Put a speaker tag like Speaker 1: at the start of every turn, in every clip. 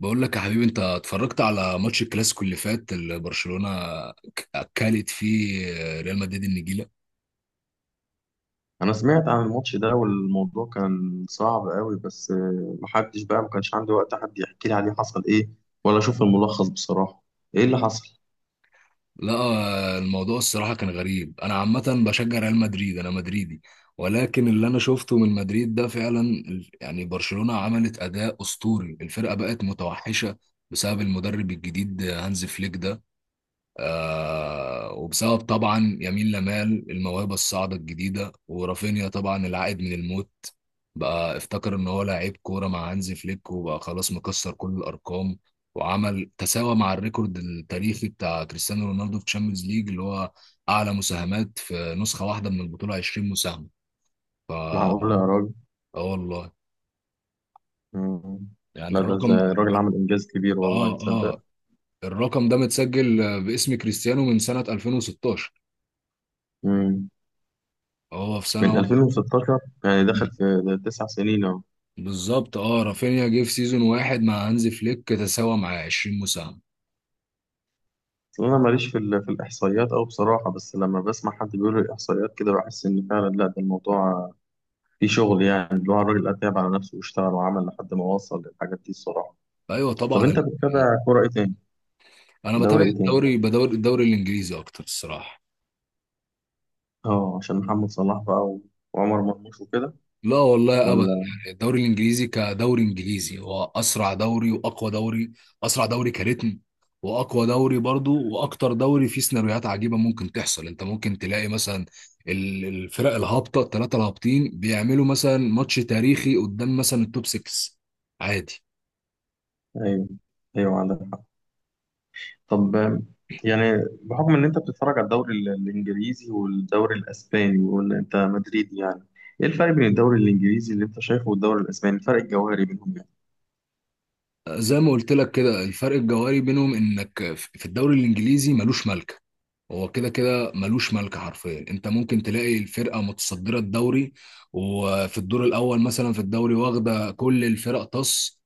Speaker 1: بقول لك يا حبيبي، انت اتفرجت على ماتش الكلاسيكو اللي فات اللي برشلونة اكلت فيه ريال مدريد النجيلة.
Speaker 2: انا سمعت عن الماتش ده والموضوع كان صعب قوي بس محدش بقى ما كانش عندي وقت حد يحكي لي عليه حصل ايه ولا اشوف الملخص بصراحة. ايه اللي حصل؟
Speaker 1: لا، الموضوع الصراحة كان غريب، انا عامة بشجع ريال مدريد، انا مدريدي. ولكن اللي انا شفته من مدريد ده فعلا يعني برشلونة عملت اداء اسطوري، الفرقة بقت متوحشة بسبب المدرب الجديد هانز فليك ده. وبسبب طبعا يمين لمال الموهبة الصاعدة الجديدة، ورافينيا طبعا العائد من الموت. بقى افتكر ان هو لعيب كورة مع هانزي فليك وبقى خلاص مكسر كل الارقام، وعمل تساوى مع الريكورد التاريخي بتاع كريستيانو رونالدو في تشامبيونز ليج، اللي هو اعلى مساهمات في نسخة واحدة من البطولة، 20 مساهمة. ف اه
Speaker 2: معقول يا راجل؟
Speaker 1: والله.
Speaker 2: مم.
Speaker 1: يعني
Speaker 2: لا، ده
Speaker 1: الرقم.
Speaker 2: الراجل عمل انجاز كبير،
Speaker 1: اه،
Speaker 2: والله تصدق.
Speaker 1: اه. الرقم ده متسجل باسم كريستيانو من سنة 2016.
Speaker 2: مم.
Speaker 1: هو في
Speaker 2: من
Speaker 1: سنة
Speaker 2: 2016 يعني دخل
Speaker 1: واحدة
Speaker 2: في ده 9 سنين اهو.
Speaker 1: بالظبط. اه رافينيا جه في سيزون واحد مع هانزي فليك، تساوى مع 20 مساهمة.
Speaker 2: أصل انا ماليش في في الاحصائيات او بصراحة، بس لما بسمع حد بيقول الاحصائيات كده بحس ان فعلا لا، ده الموضوع فيه شغل، يعني اللي هو الراجل اتعب على نفسه واشتغل وعمل لحد ما وصل للحاجات دي الصراحة.
Speaker 1: ايوه
Speaker 2: طب
Speaker 1: طبعا
Speaker 2: انت بتتابع كوره ايه تاني؟
Speaker 1: انا بتابع
Speaker 2: دوري ايه تاني؟
Speaker 1: الدوري، بدور الدوري الانجليزي اكتر الصراحة.
Speaker 2: اه، عشان محمد صلاح بقى وعمر مرموش وكده؟
Speaker 1: لا والله ابدا.
Speaker 2: ولا؟
Speaker 1: يعني الدوري الانجليزي كدوري انجليزي هو اسرع دوري واقوى دوري، اسرع دوري كريتم، واقوى دوري برضو، واكتر دوري فيه سيناريوهات عجيبة ممكن تحصل. انت ممكن تلاقي مثلا الفرق الهابطة الثلاثة الهابطين بيعملوا مثلا ماتش تاريخي قدام مثلا التوب 6 عادي.
Speaker 2: ايوه، ايوه، عندك حق. طب، يعني بحكم ان انت بتتفرج على الدوري الانجليزي والدوري الاسباني وان انت مدريدي، يعني ايه الفرق بين الدوري الانجليزي اللي انت شايفه والدوري الاسباني، الفرق الجوهري بينهم يعني؟
Speaker 1: زي ما قلت لك كده، الفرق الجوهري بينهم انك في الدوري الانجليزي ملوش ملكه، هو كده كده ملوش ملكه حرفيا. انت ممكن تلاقي الفرقه متصدره الدوري وفي الدور الاول مثلا في الدوري واخده كل الفرق طص،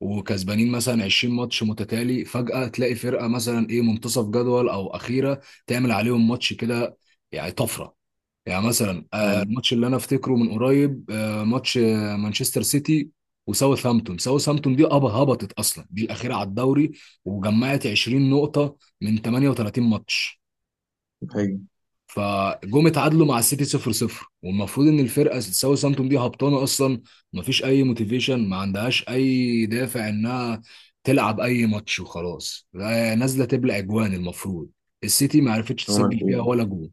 Speaker 1: وكسبانين مثلا 20 ماتش متتالي، فجأة تلاقي فرقة مثلا ايه منتصف جدول او اخيرة تعمل عليهم ماتش كده، يعني طفرة. يعني مثلا،
Speaker 2: ايوه.
Speaker 1: الماتش اللي انا افتكره من قريب، ماتش مانشستر سيتي وساوثهامبتون. ساوثهامبتون دي هبطت اصلا، دي الاخيره على الدوري، وجمعت 20 نقطه من 38 ماتش.
Speaker 2: ايوه،
Speaker 1: اتعادلوا مع السيتي 0-0. والمفروض ان الفرقه ساوثهامبتون دي هبطانه اصلا، مفيش اي موتيفيشن، ما عندهاش اي دافع انها تلعب اي ماتش وخلاص، لا، نازله تبلع اجوان المفروض، السيتي ما عرفتش
Speaker 2: عمل
Speaker 1: تسجل فيها ولا
Speaker 2: ايه؟
Speaker 1: جول.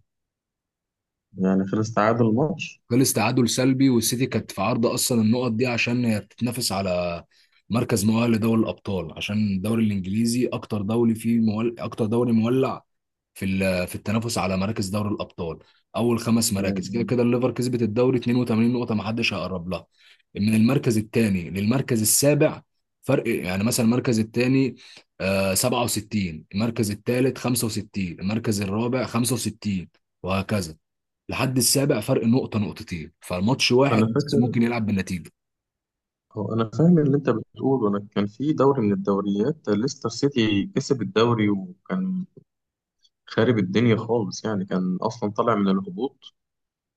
Speaker 2: يعني خلص تعادل الماتش؟
Speaker 1: خلص تعادل سلبي، والسيتي كانت في عرض اصلا النقط دي عشان هي بتتنافس على مركز مؤهل لدوري الابطال، عشان الدوري الانجليزي اكتر دوري فيه اكتر دوري مولع في في التنافس على مراكز دوري الابطال. اول خمس مراكز كده
Speaker 2: مم.
Speaker 1: كده الليفر كسبت الدوري 82 نقطه، ما حدش هيقرب لها. من المركز الثاني للمركز السابع فرق، يعني مثلا المركز الثاني 67، المركز الثالث 65، المركز الرابع 65 وهكذا لحد السابع، فرق نقطة نقطتين، فالماتش
Speaker 2: انا
Speaker 1: واحد بس
Speaker 2: فاكر.
Speaker 1: ممكن يلعب بالنتيجة.
Speaker 2: هو أنا فاهم اللي أنت بتقوله، أنا كان في دوري من الدوريات ليستر سيتي كسب الدوري، وكان خارب الدنيا خالص يعني، كان أصلا طالع من الهبوط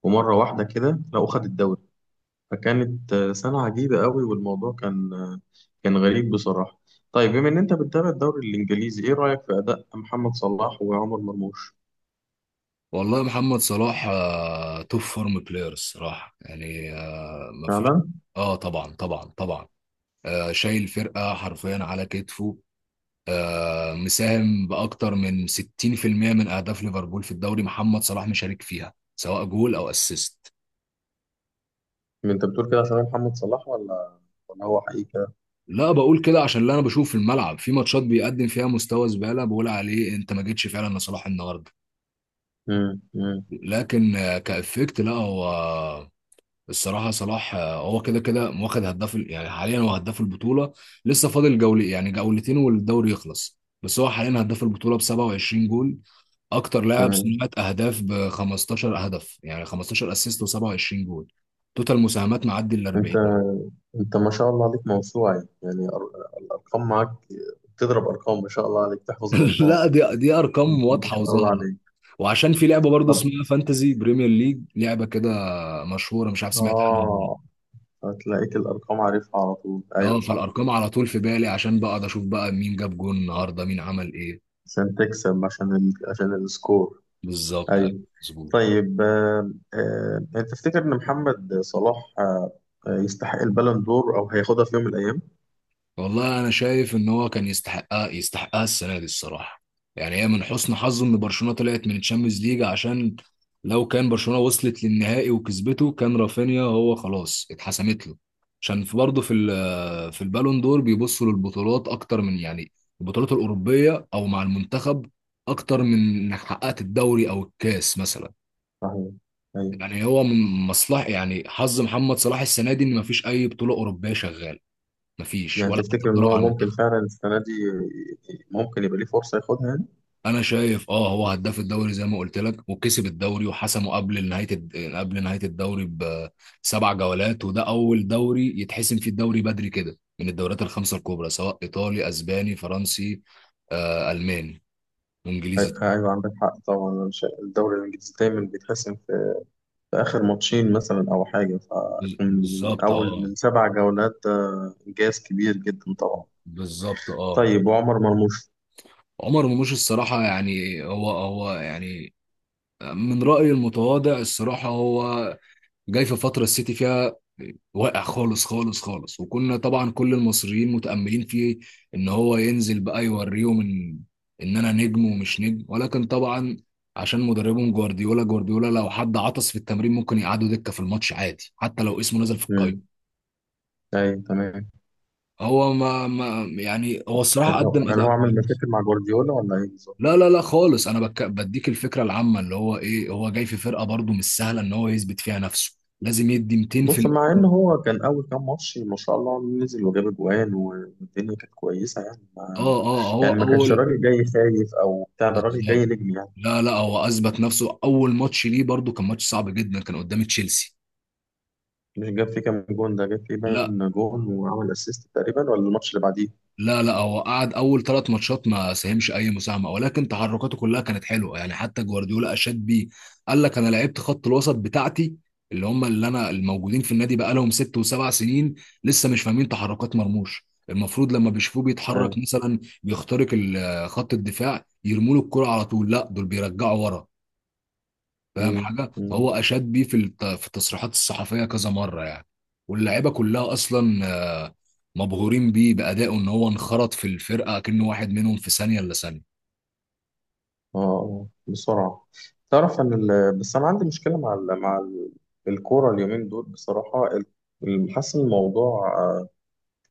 Speaker 2: ومرة واحدة كده لقوا خد الدوري. فكانت سنة عجيبة قوي، والموضوع كان كان غريب بصراحة. طيب بما إن أنت بتتابع الدوري الإنجليزي، إيه رأيك في أداء محمد صلاح وعمر مرموش؟
Speaker 1: والله محمد صلاح توب فورم بلاير الصراحة، يعني مفيش.
Speaker 2: فعلا؟
Speaker 1: اه، طبعا طبعا طبعا. شايل فرقة حرفيا على كتفه، مساهم بأكتر من 60% من أهداف ليفربول في الدوري، محمد صلاح مشارك فيها سواء جول أو أسيست.
Speaker 2: أنت بتقول كده عشان محمد صلاح ولا هو حقيقة؟
Speaker 1: لا، بقول كده عشان اللي أنا بشوف في الملعب في ماتشات بيقدم فيها مستوى زبالة، بقول عليه أنت ما جيتش فعلا لصلاح النهاردة.
Speaker 2: مم، مم.
Speaker 1: لكن كإفكت لا، هو الصراحة صلاح هو كده كده واخد هداف يعني حاليا هو هداف البطولة، لسه فاضل جولة، يعني جولتين والدوري يخلص، بس هو حاليا هداف البطولة ب 27 جول. أكتر لاعب
Speaker 2: تمام.
Speaker 1: صناعة أهداف ب 15 هدف، يعني 15 أسيست و27 جول. توتال مساهمات معدي ال
Speaker 2: انت
Speaker 1: 40.
Speaker 2: انت ما شاء الله عليك، موسوعة يعني، الارقام معاك، تضرب ارقام، ما شاء الله عليك تحفظ الارقام.
Speaker 1: لا، دي أرقام
Speaker 2: ما
Speaker 1: واضحة
Speaker 2: شاء الله
Speaker 1: وظاهرة.
Speaker 2: عليك.
Speaker 1: وعشان في لعبة برضه
Speaker 2: طب.
Speaker 1: اسمها فانتزي بريمير ليج، لعبة كده مشهورة، مش عارف سمعت عنها ولا لا.
Speaker 2: اه. هتلاقيك الارقام عارفها على طول، ايوه
Speaker 1: اه،
Speaker 2: صح.
Speaker 1: فالارقام على طول في بالي عشان بقعد اشوف بقى مين جاب جون النهارده، مين عمل ايه.
Speaker 2: عشان تكسب، عشان عشان السكور.
Speaker 1: بالظبط، أيوة،
Speaker 2: ايوه.
Speaker 1: مظبوط.
Speaker 2: طيب، انت تفتكر ان محمد صلاح، يستحق البالون دور او هياخدها في يوم من الايام؟
Speaker 1: والله انا شايف ان هو كان يستحقها، يستحقها السنه دي الصراحه. يعني هي من حسن حظه ان برشلونه طلعت من الشامبيونز ليج، عشان لو كان برشلونه وصلت للنهائي وكسبته كان رافينيا هو خلاص اتحسمت له. عشان في برضه في في البالون دور بيبصوا للبطولات اكتر من، يعني البطولات الاوروبيه او مع المنتخب، اكتر من انك حققت الدوري او الكاس مثلا.
Speaker 2: صحيح. ايوه.
Speaker 1: يعني هو من مصلحه، يعني حظ محمد صلاح السنه دي ان مفيش اي بطوله اوروبيه شغاله، مفيش
Speaker 2: يعني
Speaker 1: ولا حتى
Speaker 2: تفتكر ان
Speaker 1: بطوله
Speaker 2: هو
Speaker 1: مع
Speaker 2: ممكن
Speaker 1: المنتخب.
Speaker 2: فعلا السنة دي ممكن يبقى ليه فرصة ياخدها؟
Speaker 1: انا شايف، هو هداف الدوري زي ما قلت لك، وكسب الدوري وحسمه قبل نهايه الدوري بسبع جولات، وده اول دوري يتحسم فيه الدوري بدري كده من الدوريات الخمسه الكبرى، سواء ايطالي، اسباني، فرنسي، الماني وانجليزي.
Speaker 2: أيوة، عندك حق طبعا. أنا الدوري الإنجليزي دايما بيتحسم في آخر ماتشين مثلا أو حاجة، فيكون من
Speaker 1: بالظبط،
Speaker 2: أول
Speaker 1: اه.
Speaker 2: من سبع جولات، ده إنجاز كبير جدا طبعا.
Speaker 1: بالظبط، اه.
Speaker 2: طيب وعمر مرموش؟
Speaker 1: عمر مرموش الصراحه، يعني هو يعني من رايي المتواضع الصراحه، هو جاي في فتره السيتي فيها واقع، خالص خالص خالص. وكنا طبعا كل المصريين متاملين فيه ان هو ينزل بقى يوريهم ان انا نجم ومش نجم، ولكن طبعا عشان مدربهم جوارديولا، جوارديولا لو حد عطس في التمرين ممكن يقعدوا دكه في الماتش عادي، حتى لو اسمه نزل في
Speaker 2: امم.
Speaker 1: القايمه.
Speaker 2: أيوة تمام.
Speaker 1: هو ما يعني هو الصراحه
Speaker 2: يعني هو
Speaker 1: قدم
Speaker 2: يعني
Speaker 1: اداء
Speaker 2: هو عمل
Speaker 1: كويس.
Speaker 2: مشاكل مع جوارديولا ولا إيه بالظبط؟
Speaker 1: لا لا لا خالص، انا بديك الفكره العامه، اللي هو ايه، هو جاي في فرقه برضه مش سهله ان هو يثبت فيها نفسه، لازم يدي
Speaker 2: بص، مع إن
Speaker 1: 200%.
Speaker 2: هو كان أول كام ماتش ما شاء الله نزل وجاب أجوان والدنيا كانت كويسة، يعني ما
Speaker 1: اه، اه، هو
Speaker 2: يعني ما كانش
Speaker 1: اول
Speaker 2: راجل جاي خايف أو بتاع، ده راجل جاي
Speaker 1: بالظبط.
Speaker 2: نجم يعني.
Speaker 1: لا لا، هو اثبت نفسه اول ماتش ليه، برضو كان ماتش صعب جدا، كان قدام تشيلسي.
Speaker 2: مش جاب فيه كام جون ده؟ جاب فيه
Speaker 1: لا
Speaker 2: باين جون وعمل اسيست تقريبا، ولا الماتش اللي بعديه؟
Speaker 1: لا لا، هو قعد اول ثلاث ماتشات ما ساهمش اي مساهمه، ولكن تحركاته كلها كانت حلوه يعني، حتى جوارديولا اشاد بيه. قال لك انا لعبت خط الوسط بتاعتي، اللي هم اللي انا الموجودين في النادي بقى لهم ست وسبع سنين لسه مش فاهمين تحركات مرموش. المفروض لما بيشوفوه بيتحرك
Speaker 2: أيوة.
Speaker 1: مثلا بيخترق خط الدفاع يرموا له الكرة على طول، لا دول بيرجعوا ورا فاهم
Speaker 2: مم.
Speaker 1: حاجه. فهو
Speaker 2: مم.
Speaker 1: اشاد بيه في في التصريحات الصحفيه كذا مره يعني. واللعيبه كلها اصلا آه، مبهورين بيه بادائه، ان هو انخرط في الفرقه كأنه واحد منهم في ثانيه الا ثانيه.
Speaker 2: اه. آه. بسرعة. تعرف ان، بس انا عندي مشكلة مع الكورة اليومين دول بصراحة، حاسس إن الموضوع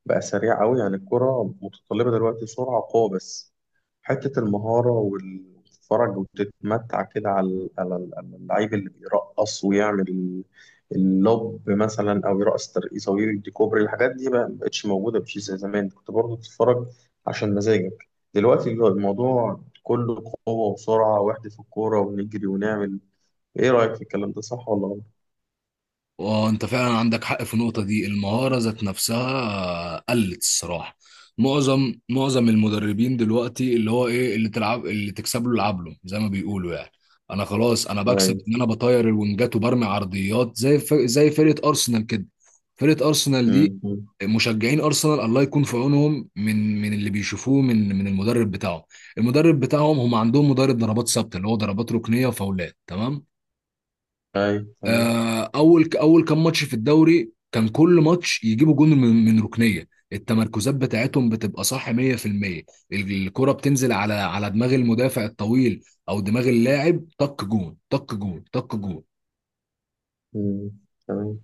Speaker 2: بقى سريع قوي، يعني الكرة متطلبة دلوقتي سرعة وقوة بس. حتة المهارة وتتفرج وتتمتع كده على على اللعيب اللي بيرقص ويعمل اللوب مثلا، أو يرقص ترقيصة ويدي كوبري، الحاجات دي بقى مبقتش موجودة بشيء زي زمان، كنت برضه تتفرج عشان مزاجك. دلوقتي الموضوع كله قوة وسرعة، واحدة في الكورة ونجري ونعمل. إيه رأيك في الكلام ده، صح ولا غلط؟
Speaker 1: وانت فعلا عندك حق في النقطة دي، المهارة ذات نفسها قلت الصراحة. معظم المدربين دلوقتي اللي هو ايه، اللي تلعب اللي تكسب له العب له زي ما بيقولوا يعني. انا خلاص، انا بكسب
Speaker 2: أيوه.
Speaker 1: ان انا بطير الونجات وبرمي عرضيات زي زي فرقة ارسنال كده. فرقة ارسنال دي،
Speaker 2: أمم.
Speaker 1: مشجعين ارسنال الله يكون في عونهم من اللي بيشوفوه من المدرب بتاعهم. المدرب بتاعهم هم عندهم مدرب ضربات ثابتة، اللي هو ضربات ركنية وفاولات تمام.
Speaker 2: أيوه تمام.
Speaker 1: اول كام ماتش في الدوري كان كل ماتش يجيبوا جون من ركنيه. التمركزات بتاعتهم بتبقى صح 100%، الكره بتنزل على دماغ المدافع الطويل او دماغ اللاعب، طق جون طق جون طق جون.
Speaker 2: أمم. تمام.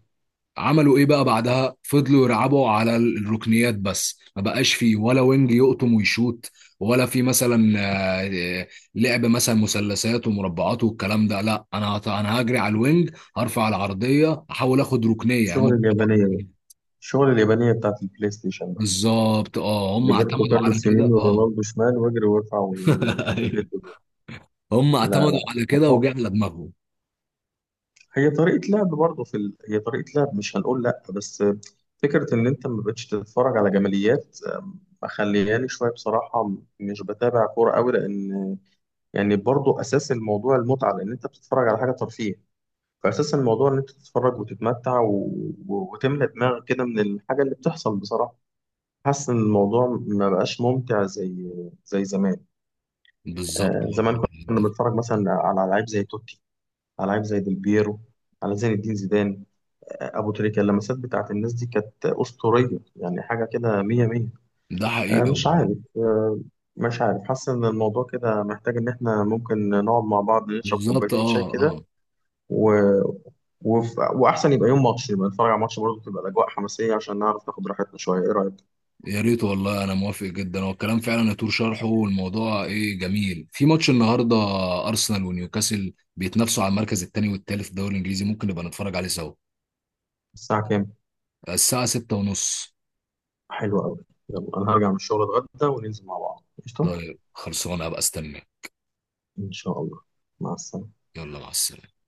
Speaker 1: عملوا ايه بقى بعدها، فضلوا يلعبوا على الركنيات بس، ما بقاش فيه ولا وينج يقطم ويشوت، ولا في مثلا آه، لعب مثلا مثلثات ومربعات والكلام ده. لا، انا انا هجري على الوينج هرفع العرضيه احاول اخد ركنيه، يعني
Speaker 2: الشغل
Speaker 1: هم
Speaker 2: اليابانية، الشغل اليابانية بتاعت البلاي ستيشن ده.
Speaker 1: بالظبط. اه هم
Speaker 2: روبرتو
Speaker 1: اعتمدوا على
Speaker 2: كارلوس يمين
Speaker 1: كده،
Speaker 2: ورونالدو شمال، واجري وارفع وبالهيد جول.
Speaker 1: هم
Speaker 2: لا،
Speaker 1: اعتمدوا
Speaker 2: لا،
Speaker 1: على
Speaker 2: ما
Speaker 1: كده
Speaker 2: هو-
Speaker 1: وجه على دماغهم.
Speaker 2: هي طريقة لعب برضه في هي طريقة لعب، مش هنقول لا، بس فكرة إن أنت ما بقتش تتفرج على جماليات، مخلياني شوية بصراحة، مش بتابع كورة أوي، لأن يعني برضه أساس الموضوع المتعة، لأن أنت بتتفرج على حاجة ترفيه. فأساس الموضوع إن أنت تتفرج وتتمتع وتملى دماغك كده من الحاجة اللي بتحصل بصراحة. حاسس ان الموضوع ما بقاش ممتع زي زمان.
Speaker 1: بالظبط
Speaker 2: آه
Speaker 1: والله.
Speaker 2: زمان، كنا بنتفرج مثلا على لعيب زي توتي، على لعيب زي ديل بيرو، على زين الدين زيدان، آه ابو تريكة. اللمسات بتاعت الناس دي كانت اسطوريه، يعني حاجه كده مية مية.
Speaker 1: ده حقيقي
Speaker 2: مش
Speaker 1: والله.
Speaker 2: عارف، آه مش عارف، حاسس ان الموضوع كده محتاج ان احنا ممكن نقعد مع بعض، نشرب
Speaker 1: بالظبط،
Speaker 2: كوبايتين شاي
Speaker 1: اه،
Speaker 2: كده
Speaker 1: اه.
Speaker 2: و... واحسن يبقى يوم ماتش، يبقى نتفرج على ماتش، برضه تبقى الاجواء حماسيه عشان نعرف ناخد راحتنا شويه. ايه رايك؟
Speaker 1: يا ريت والله، انا موافق جدا، هو الكلام فعلا يطول شرحه، والموضوع ايه جميل في ماتش النهارده. ارسنال ونيوكاسل بيتنافسوا على المركز الثاني والثالث في الدوري الانجليزي، ممكن نبقى نتفرج عليه سوا.
Speaker 2: الساعه كام؟
Speaker 1: الساعه 6:30 ونص.
Speaker 2: حلو قوي. يلا، انا هرجع من الشغل اتغدى وننزل مع بعض قشطه.
Speaker 1: طيب، خلصانه، هبقى استنى.
Speaker 2: ان شاء الله. مع السلامه.
Speaker 1: يلا، مع السلامه.